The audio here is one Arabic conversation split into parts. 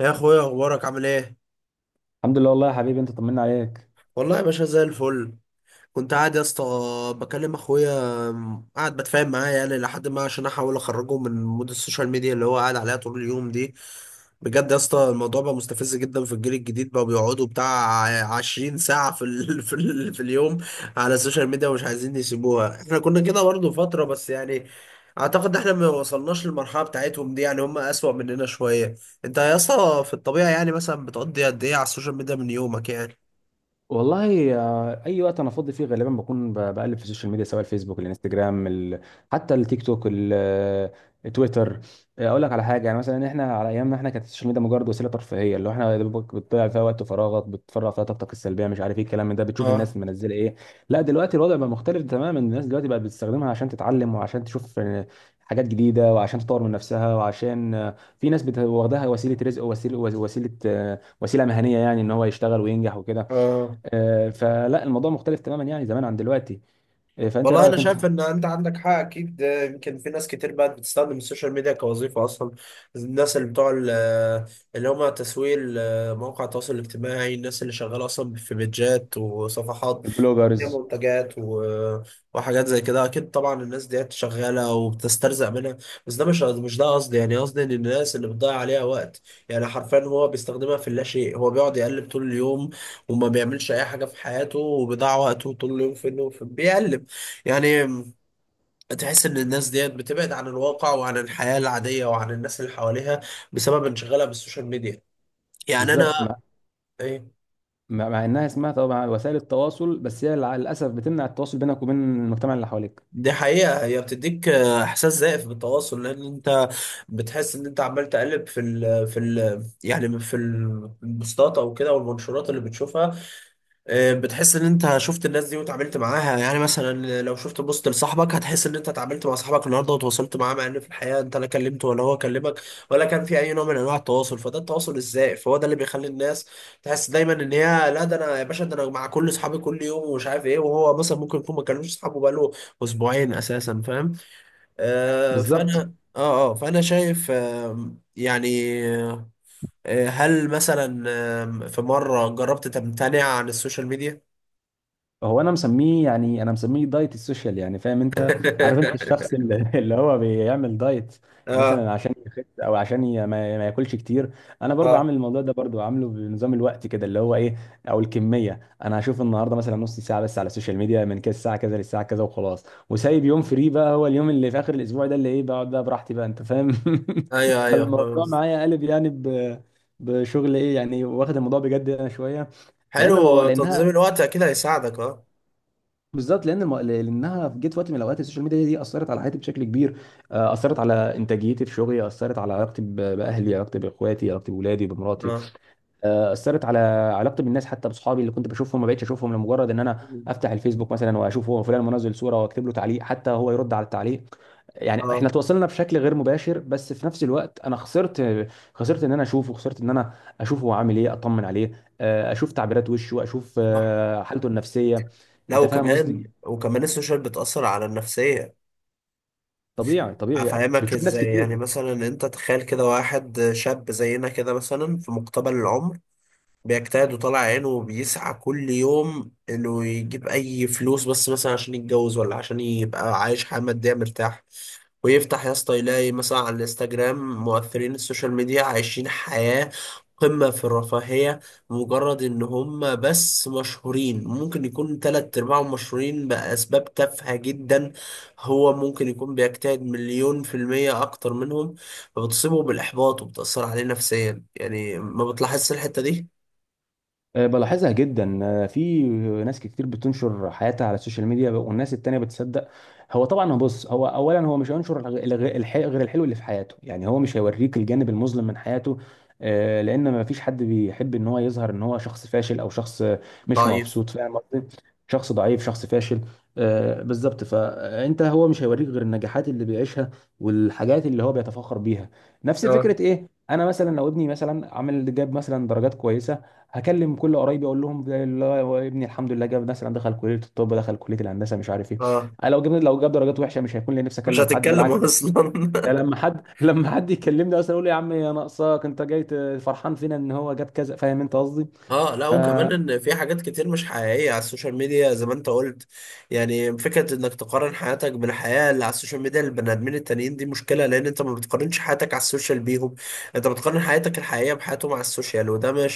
يا اخويا، اخبارك عامل ايه؟ الحمد لله والله يا حبيبي، انت طمنا عليك والله يا باشا زي الفل. كنت قاعد يا اسطى بكلم اخويا، قاعد بتفاهم معاه يعني لحد ما، عشان احاول اخرجه من مود السوشيال ميديا اللي هو قاعد عليها طول اليوم دي. بجد يا اسطى الموضوع بقى مستفز جدا. في الجيل الجديد بقى بيقعدوا بتاع 20 ساعة في اليوم على السوشيال ميديا ومش عايزين يسيبوها. احنا كنا كده برضه فترة، بس يعني اعتقد احنا ما وصلناش للمرحلة بتاعتهم دي، يعني هم اسوأ مننا شوية. انت يا اسطى في الطبيعة يعني مثلا بتقضي قد ايه على السوشيال ميديا من يومك يعني؟ والله اي وقت انا فاضي فيه غالبا بكون بقلب في السوشيال ميديا، سواء الفيسبوك، الانستجرام، حتى التيك توك، التويتر. اقول لك على حاجه، يعني مثلا احنا على ايامنا، احنا كانت السوشيال ميديا مجرد وسيله ترفيهيه، اللي هو احنا يا دوبك بتضيع فيها وقت فراغك، بتفرغ فيها طاقتك السلبيه، مش عارف ايه الكلام من ده، بتشوف اه. الناس منزله ايه. لا دلوقتي الوضع بقى مختلف تماما، الناس دلوقتي بقت بتستخدمها عشان تتعلم، وعشان تشوف حاجات جديده، وعشان تطور من نفسها، وعشان في ناس واخداها وسيله رزق، وسيله مهنيه، يعني ان هو يشتغل وينجح وكده. اه. فلا الموضوع مختلف تماما يعني زمان عن دلوقتي. فانت ايه والله انا رايك انت؟ شايف ان انت عندك حق، اكيد ده. يمكن في ناس كتير بقت بتستخدم السوشيال ميديا كوظيفه اصلا. الناس اللي بتوع اللي هم تسويق مواقع التواصل الاجتماعي، الناس اللي شغاله اصلا في بيدجات وصفحات، هي البلوجرز. منتجات وحاجات زي كده، اكيد طبعا الناس ديت شغاله وبتسترزق منها. بس ده مش ده قصدي. يعني قصدي ان الناس اللي بتضيع عليها وقت، يعني حرفيا هو بيستخدمها في اللا شيء. هو بيقعد يقلب طول اليوم وما بيعملش اي حاجه في حياته، وبيضيع وقته طول اليوم في انه بيقلب يعني. تحس ان الناس ديت بتبعد عن الواقع وعن الحياه العاديه وعن الناس اللي حواليها، بسبب انشغالها بالسوشيال ميديا. يعني بالظبط، انا، مع إيه، مع مع انها اسمها طبعا وسائل التواصل، بس هي للاسف بتمنع التواصل بينك وبين المجتمع اللي حواليك. دي حقيقة. هي بتديك إحساس زائف بالتواصل، لأن أنت بتحس إن أنت عمال تقلب في ال البوستات أو كده والمنشورات اللي بتشوفها. بتحس ان انت شفت الناس دي وتعاملت معاها. يعني مثلا لو شفت بوست لصاحبك هتحس ان انت اتعاملت مع صاحبك النهارده وتواصلت معاه، مع ان في الحقيقه انت لا كلمته ولا هو كلمك، ولا كان في اي نوع من انواع التواصل. فده التواصل ازاي؟ فهو ده اللي بيخلي الناس تحس دايما ان هي، لا ده انا يا باشا، ده انا مع كل اصحابي كل يوم ومش عارف ايه، وهو مثلا ممكن يكون ما كلمش اصحابه بقاله اسبوعين اساسا، فاهم؟ آه بالظبط. فانا اه اه فانا شايف، يعني. هل مثلا في مره جربت تمتنع عن السوشيال ميديا؟ هو انا مسميه، يعني مسميه دايت السوشيال، يعني فاهم انت؟ عارف انت الشخص اللي اللي هو بيعمل دايت اه. مثلا عشان يخس، او عشان ما ياكلش كتير؟ انا برضو اه. عامل الموضوع ده، برضو عامله بنظام الوقت كده، اللي هو ايه او الكميه. انا هشوف النهارده مثلا نص ساعه بس على السوشيال ميديا، من كده الساعه كذا للساعه كذا وخلاص، وسايب يوم فري بقى، هو اليوم اللي في اخر الاسبوع ده، اللي ايه بقعد بقى براحتي بقى، انت فاهم؟ ايوه، ايوه، فاهم. فالموضوع معايا قلب يعني، بشغل ايه يعني، واخد الموضوع بجد انا شويه. لان المو... حلو، لانها تنظيم الوقت اكيد هيساعدك. اه. بالظبط لان الم... لانها جت في وقت من الاوقات، السوشيال ميديا دي اثرت على حياتي بشكل كبير. اثرت على انتاجيتي في شغلي، اثرت على علاقتي باهلي، علاقتي باخواتي، علاقتي باولادي، بمراتي. اه. اثرت على علاقتي بالناس، حتى بصحابي اللي كنت بشوفهم ما بقتش اشوفهم، لمجرد ان انا افتح الفيسبوك مثلا واشوف هو فلان منزل صوره واكتب له تعليق، حتى هو يرد على التعليق، يعني احنا اه. تواصلنا بشكل غير مباشر، بس في نفس الوقت انا خسرت. خسرت ان انا اشوفه، خسرت ان انا اشوفه هو عامل ايه، اطمن عليه. اشوف تعبيرات وشه، اشوف صح. حالته النفسيه. لا، انت فاهم وكمان قصدي؟ وكمان السوشيال بتأثر على النفسية. طبيعي طبيعي يعني. هفهمك بتشوف ناس ازاي؟ كتير. يعني مثلا انت تخيل كده واحد شاب زينا كده، مثلا في مقتبل العمر، بيجتهد وطالع عينه وبيسعى كل يوم انه يجيب اي فلوس، بس مثلا عشان يتجوز، ولا عشان يبقى عايش حياة مادية مرتاح. ويفتح يا اسطى يلاقي مثلا على الانستجرام مؤثرين السوشيال ميديا عايشين حياة قمة في الرفاهية، مجرد ان هم بس مشهورين. ممكن يكون تلات ارباعهم مشهورين بأسباب تافهة جدا، هو ممكن يكون بيجتهد مليون في المية اكتر منهم. فبتصيبه بالاحباط وبتأثر عليه نفسيا. يعني ما بتلاحظش الحتة دي؟ بلاحظها جدا، في ناس كتير بتنشر حياتها على السوشيال ميديا والناس التانية بتصدق. هو طبعا، هو بص، هو اولا هو مش هينشر غير الحلو اللي في حياته، يعني هو مش هيوريك الجانب المظلم من حياته. لان ما فيش حد بيحب ان هو يظهر ان هو شخص فاشل، او شخص مش ضعيف. مبسوط، فاهم قصدي؟ شخص ضعيف، شخص فاشل. بالظبط. فانت هو مش هيوريك غير النجاحات اللي بيعيشها والحاجات اللي هو بيتفاخر بيها. نفس اه. فكرة ايه، انا مثلا لو ابني مثلا عامل، جاب مثلا درجات كويسة، هكلم كل قرايبي اقول لهم ده اللي هو ابني، الحمد لله جاب مثلا، دخل كليه الطب، دخل كليه الهندسه، مش عارف ايه. اه. انا لو جبنا، لو جاب درجات وحشه، مش هيكون لي نفسي مش اكلم حد، هتتكلم بالعكس، اصلا. ده لما حد لما حد يكلمني اصلا اقول له يا عم يا ناقصاك، انت جاي فرحان فينا ان هو جاب كذا، فاهم انت قصدي؟ اه، لا ف وكمان ان في حاجات كتير مش حقيقيه على السوشيال ميديا زي ما انت قلت. يعني فكره انك تقارن حياتك بالحياه اللي على السوشيال ميديا للبني ادمين التانيين دي مشكله، لان انت ما بتقارنش حياتك على السوشيال بيهم، انت بتقارن حياتك الحقيقيه بحياتهم على السوشيال، وده مش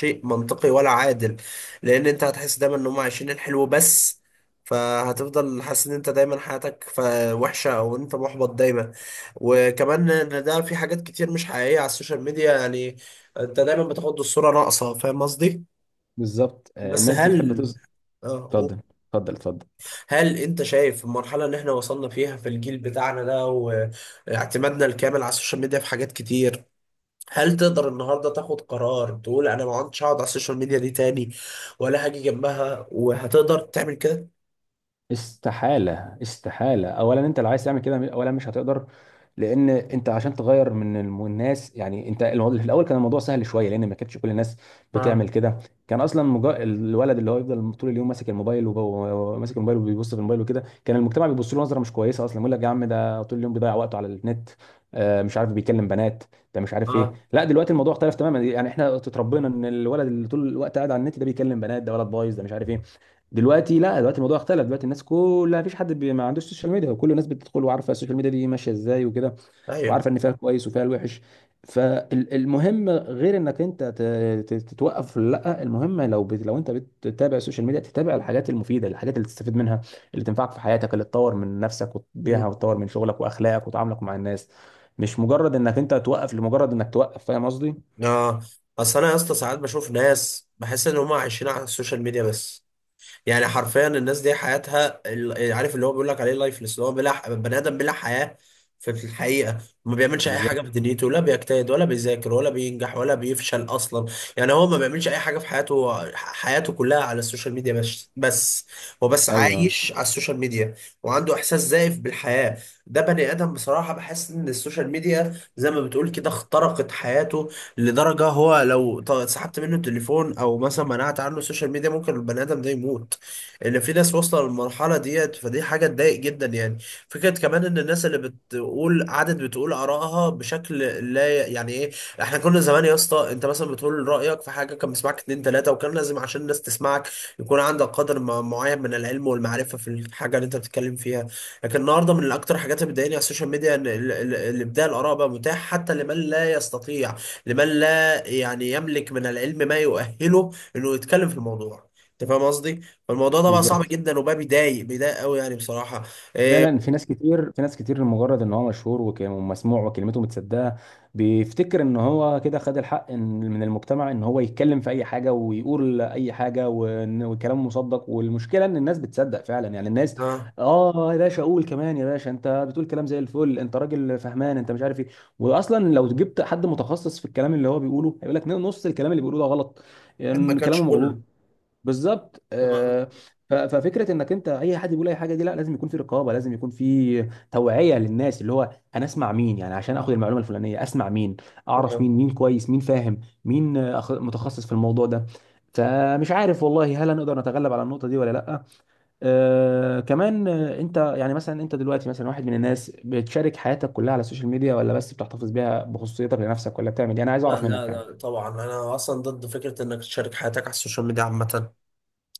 شيء منطقي ولا عادل. لان انت هتحس دايما ان هم عايشين الحلو بس، فهتفضل حاسس ان انت دايما حياتك وحشه، او انت محبط دايما. وكمان ان ده في حاجات كتير مش حقيقيه على السوشيال ميديا، يعني انت دايما بتاخد الصورة ناقصة، فاهم قصدي؟ بالظبط. بس الناس بتحب هل، تز. آه، اتفضل اتفضل اتفضل. هل انت شايف المرحلة اللي احنا وصلنا فيها في الجيل بتاعنا ده، واعتمادنا الكامل على السوشيال ميديا في حاجات كتير، هل تقدر النهاردة تاخد قرار تقول انا ما عدتش هقعد على السوشيال ميديا دي تاني، ولا هاجي جنبها وهتقدر تعمل كده؟ استحالة. استحالة. أولا أنت اللي عايز تعمل كده، أولا مش هتقدر، لأن أنت عشان تغير من الناس، يعني أنت الموضوع في الأول كان الموضوع سهل شوية، لأن ما كانتش كل الناس اه. بتعمل كده. كان أصلا الولد اللي هو يفضل طول اليوم ماسك الموبايل، وب... وماسك الموبايل وبيبص في الموبايل وكده، كان المجتمع بيبص له نظرة مش كويسة أصلا، يقول لك يا عم ده طول اليوم بيضيع وقته على النت، مش عارف بيكلم بنات، ده مش عارف ايه. اه. لا دلوقتي الموضوع اختلف تماما، يعني احنا اتربينا ان الولد اللي طول الوقت قاعد على النت ده بيكلم بنات، ده ولد بايظ، ده مش عارف ايه. دلوقتي لا، دلوقتي الموضوع اختلف، دلوقتي الناس كلها مفيش حد ما عندوش سوشيال ميديا، وكل الناس بتدخل وعارفه السوشيال ميديا دي ماشيه ازاي وكده، ايوه. وعارفه ان فيها الكويس وفيها الوحش. فالمهم غير انك انت تتوقف، لا، المهم لو لو انت بتتابع السوشيال ميديا، تتابع الحاجات المفيده، الحاجات اللي تستفيد منها، اللي تنفعك في حياتك، اللي تطور من نفسك مم. وتبيعها، وتطور من شغلك واخلاقك وتعاملك مع الناس، مش مجرد انك انت توقف لمجرد انك توقف، فاهم قصدي؟ اه. اصل انا يا اسطى ساعات بشوف ناس بحس ان هم عايشين على السوشيال ميديا بس. يعني حرفيا الناس دي حياتها عارف اللي هو بيقول لك عليه لايفلس، اللي هو بلا بني ادم بلا حياه. في في الحقيقه ما بيعملش اي حاجه بالظبط. في دنيته، لا بيجتهد ولا بيذاكر ولا بينجح ولا بيفشل اصلا. يعني هو ما بيعملش اي حاجه في حياته، هو حياته كلها على السوشيال ميديا بس. هو بس ايوه، عايش على السوشيال ميديا وعنده احساس زائف بالحياه. ده بني ادم بصراحه بحس ان السوشيال ميديا زي ما بتقول كده اخترقت حياته، لدرجة هو لو سحبت منه التليفون أو مثلا منعت عنه السوشيال ميديا ممكن البني آدم ده يموت. ان في ناس واصله للمرحله ديت، فدي حاجه تضايق جدا يعني. فكره كمان ان الناس اللي بتقول، قعدت بتقول ارائها بشكل، لا يعني ايه، احنا كنا زمان يا اسطى، انت مثلا بتقول رايك في حاجه كان بيسمعك اتنين تلاته، وكان لازم عشان الناس تسمعك يكون عندك قدر معين من العلم والمعرفه في الحاجه اللي انت بتتكلم فيها. لكن النهارده من اكتر الحاجات اللي بتضايقني على السوشيال ميديا ان الابداع الاراء بقى متاح حتى لمن لا يستطيع، لمن لا يعني يملك من العلم ما يؤهله انه يتكلم في الموضوع، انت فاهم قصدي؟ فالموضوع ده بقى صعب بالظبط. جدا، وبقى بيضايق قوي يعني بصراحة. فعلا إيه. في ناس كتير، في ناس كتير لمجرد ان هو مشهور ومسموع وكلمته متسدها، بيفتكر ان هو كده خد الحق من المجتمع ان هو يتكلم في اي حاجه ويقول اي حاجه، والكلام مصدق، والمشكله ان الناس بتصدق فعلا، يعني الناس آه. اه يا باشا قول كمان يا باشا، انت بتقول كلام زي الفل، انت راجل فهمان، انت مش عارف ايه. واصلا لو جبت حد متخصص في الكلام اللي هو بيقوله، هيقول لك نص الكلام اللي بيقوله ده غلط، ما يعني كانش كلامه مغلوط. كله. بالظبط. آه. آه، ف- ففكره انك انت اي حد بيقول اي حاجه دي، لا، لازم يكون في رقابه، لازم يكون في توعيه للناس، اللي هو انا اسمع مين يعني عشان اخد المعلومه الفلانيه، اسمع مين، اعرف آه. مين، مين كويس، مين فاهم، مين متخصص في الموضوع ده. فمش عارف والله هل هنقدر نتغلب على النقطه دي ولا لا. آه كمان، انت يعني مثلا انت دلوقتي مثلا واحد من الناس بتشارك حياتك كلها على السوشيال ميديا، ولا بس بتحتفظ بيها بخصوصيتك لنفسك، ولا بتعمل ايه؟ انا عايز لا اعرف لا منك يعني. لا، طبعا انا اصلا ضد فكرة انك تشارك حياتك على السوشيال ميديا عامة.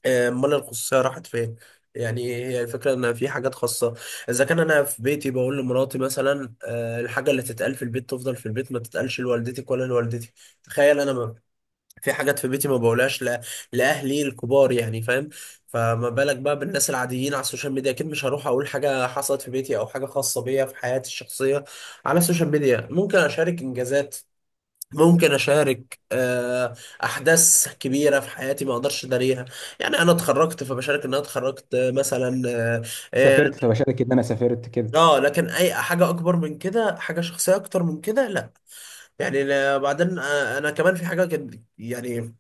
امال الخصوصية راحت فين؟ يعني هي الفكرة ان في حاجات خاصة. اذا كان انا في بيتي بقول لمراتي مثلا الحاجة اللي تتقال في البيت تفضل في البيت، ما تتقالش لوالدتك ولا لوالدتي. تخيل انا في حاجات في بيتي ما بقولهاش لاهلي الكبار يعني، فاهم؟ فما بالك بقى بالناس العاديين على السوشيال ميديا؟ اكيد مش هروح اقول حاجه حصلت في بيتي او حاجه خاصه بيا في حياتي الشخصيه على السوشيال ميديا. ممكن اشارك انجازات، ممكن اشارك احداث كبيره في حياتي ما اقدرش اداريها. يعني انا اتخرجت فبشارك ان انا اتخرجت، مثلا. اه. آه، سافرت فبشارك ان انا سافرت كده. لكن اي حاجه اكبر من كده، حاجه شخصيه اكتر من كده، لا. يعني بعدين انا كمان في حاجه يعني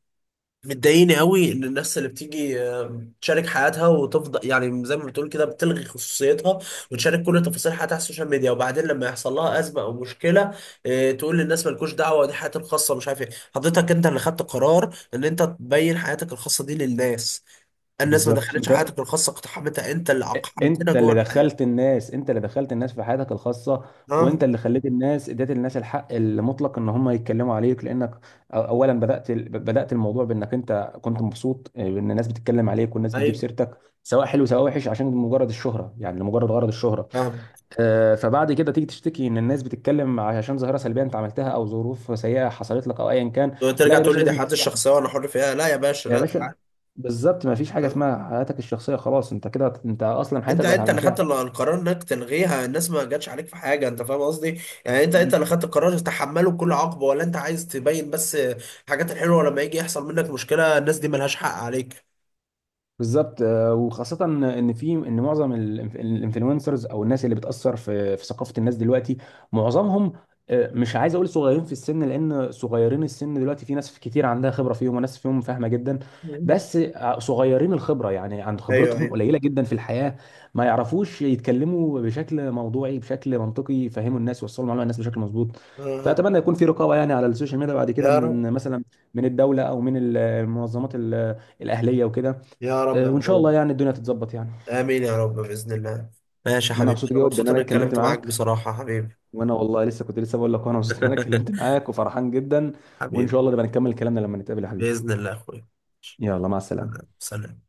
مضايقني قوي، ان الناس اللي بتيجي تشارك حياتها وتفضل يعني زي ما بتقول كده بتلغي خصوصيتها، وتشارك كل تفاصيل حياتها على السوشيال ميديا، وبعدين لما يحصل لها ازمه او مشكله تقول للناس مالكوش دعوه، دي حياتي الخاصه مش عارف ايه. حضرتك انت اللي خدت قرار ان انت تبين حياتك الخاصه دي للناس، الناس ما بالظبط. دخلتش انت، حياتك الخاصه، اقتحمتها، انت اللي اقحمتنا انت جوه اللي الحياه. دخلت الناس انت اللي دخلت الناس في حياتك الخاصه، اه، وانت اللي خليت الناس، اديت الناس الحق المطلق ان هم يتكلموا عليك، لانك اولا بدات الموضوع بانك انت كنت مبسوط ان الناس بتتكلم عليك، والناس بتجيب ايوه، سيرتك، سواء حلو سواء وحش، عشان مجرد الشهره، يعني لمجرد غرض الشهره. فاهم. فبعد كده تيجي تشتكي ان الناس بتتكلم، عشان ظاهره سلبيه انت عملتها، او ظروف سيئه حصلت لك، او ايا كان. لا ترجع يا تقول باشا، لي دي لازم حياتي تستحمل الشخصيه وانا حر فيها، لا يا باشا، يا لا تعال. باشا. بالظبط، ما فيش حاجه آه. اسمها حياتك الشخصيه، خلاص، انت كده انت اصلا انت، حياتك بقت على انت اللي خدت المشاعر. القرار انك تلغيها، الناس ما جاتش عليك في حاجه، انت فاهم قصدي؟ يعني انت، انت اللي خدت القرار تتحمله بكل عقبه، ولا انت عايز تبين بس الحاجات الحلوه، لما يجي يحصل منك مشكله الناس دي ملهاش حق عليك. بالظبط. وخاصة ان في، ان معظم الانفلونسرز او الناس اللي بتأثر في في ثقافة الناس دلوقتي، معظمهم مش عايز اقول صغيرين في السن، لان صغيرين السن دلوقتي في ناس كتير عندها خبرة فيهم، وناس فيهم فاهمة جدا، مم. بس صغيرين الخبرة يعني، عند ايوه، خبرتهم ايوه. قليلة جدا في الحياة، ما يعرفوش يتكلموا بشكل موضوعي، بشكل منطقي، يفهموا الناس، يوصلوا المعلومة للناس بشكل مظبوط. آه. فأتمنى يكون في رقابة يعني على السوشيال ميديا بعد كده، يا رب. من مثلا من الدولة، او من المنظمات الأهلية وكده. يا رب يا وان شاء الله اخويا. يعني الدنيا تتظبط يعني. امين يا رب باذن الله. ماشي يا ما انا حبيبي، مبسوط انا جدا ان مبسوط انا اني اتكلمت اتكلمت معاك معاك، بصراحه يا حبيبي. وانا والله لسه كنت لسه بقول لك، وانا مبسوط ان انا اتكلمت معاك وفرحان جدا. وان حبيبي. شاء الله نبقى نكمل كلامنا لما نتقابل يا حبيبي. باذن الله يا اخويا. يلا، مع السلامة. سلام.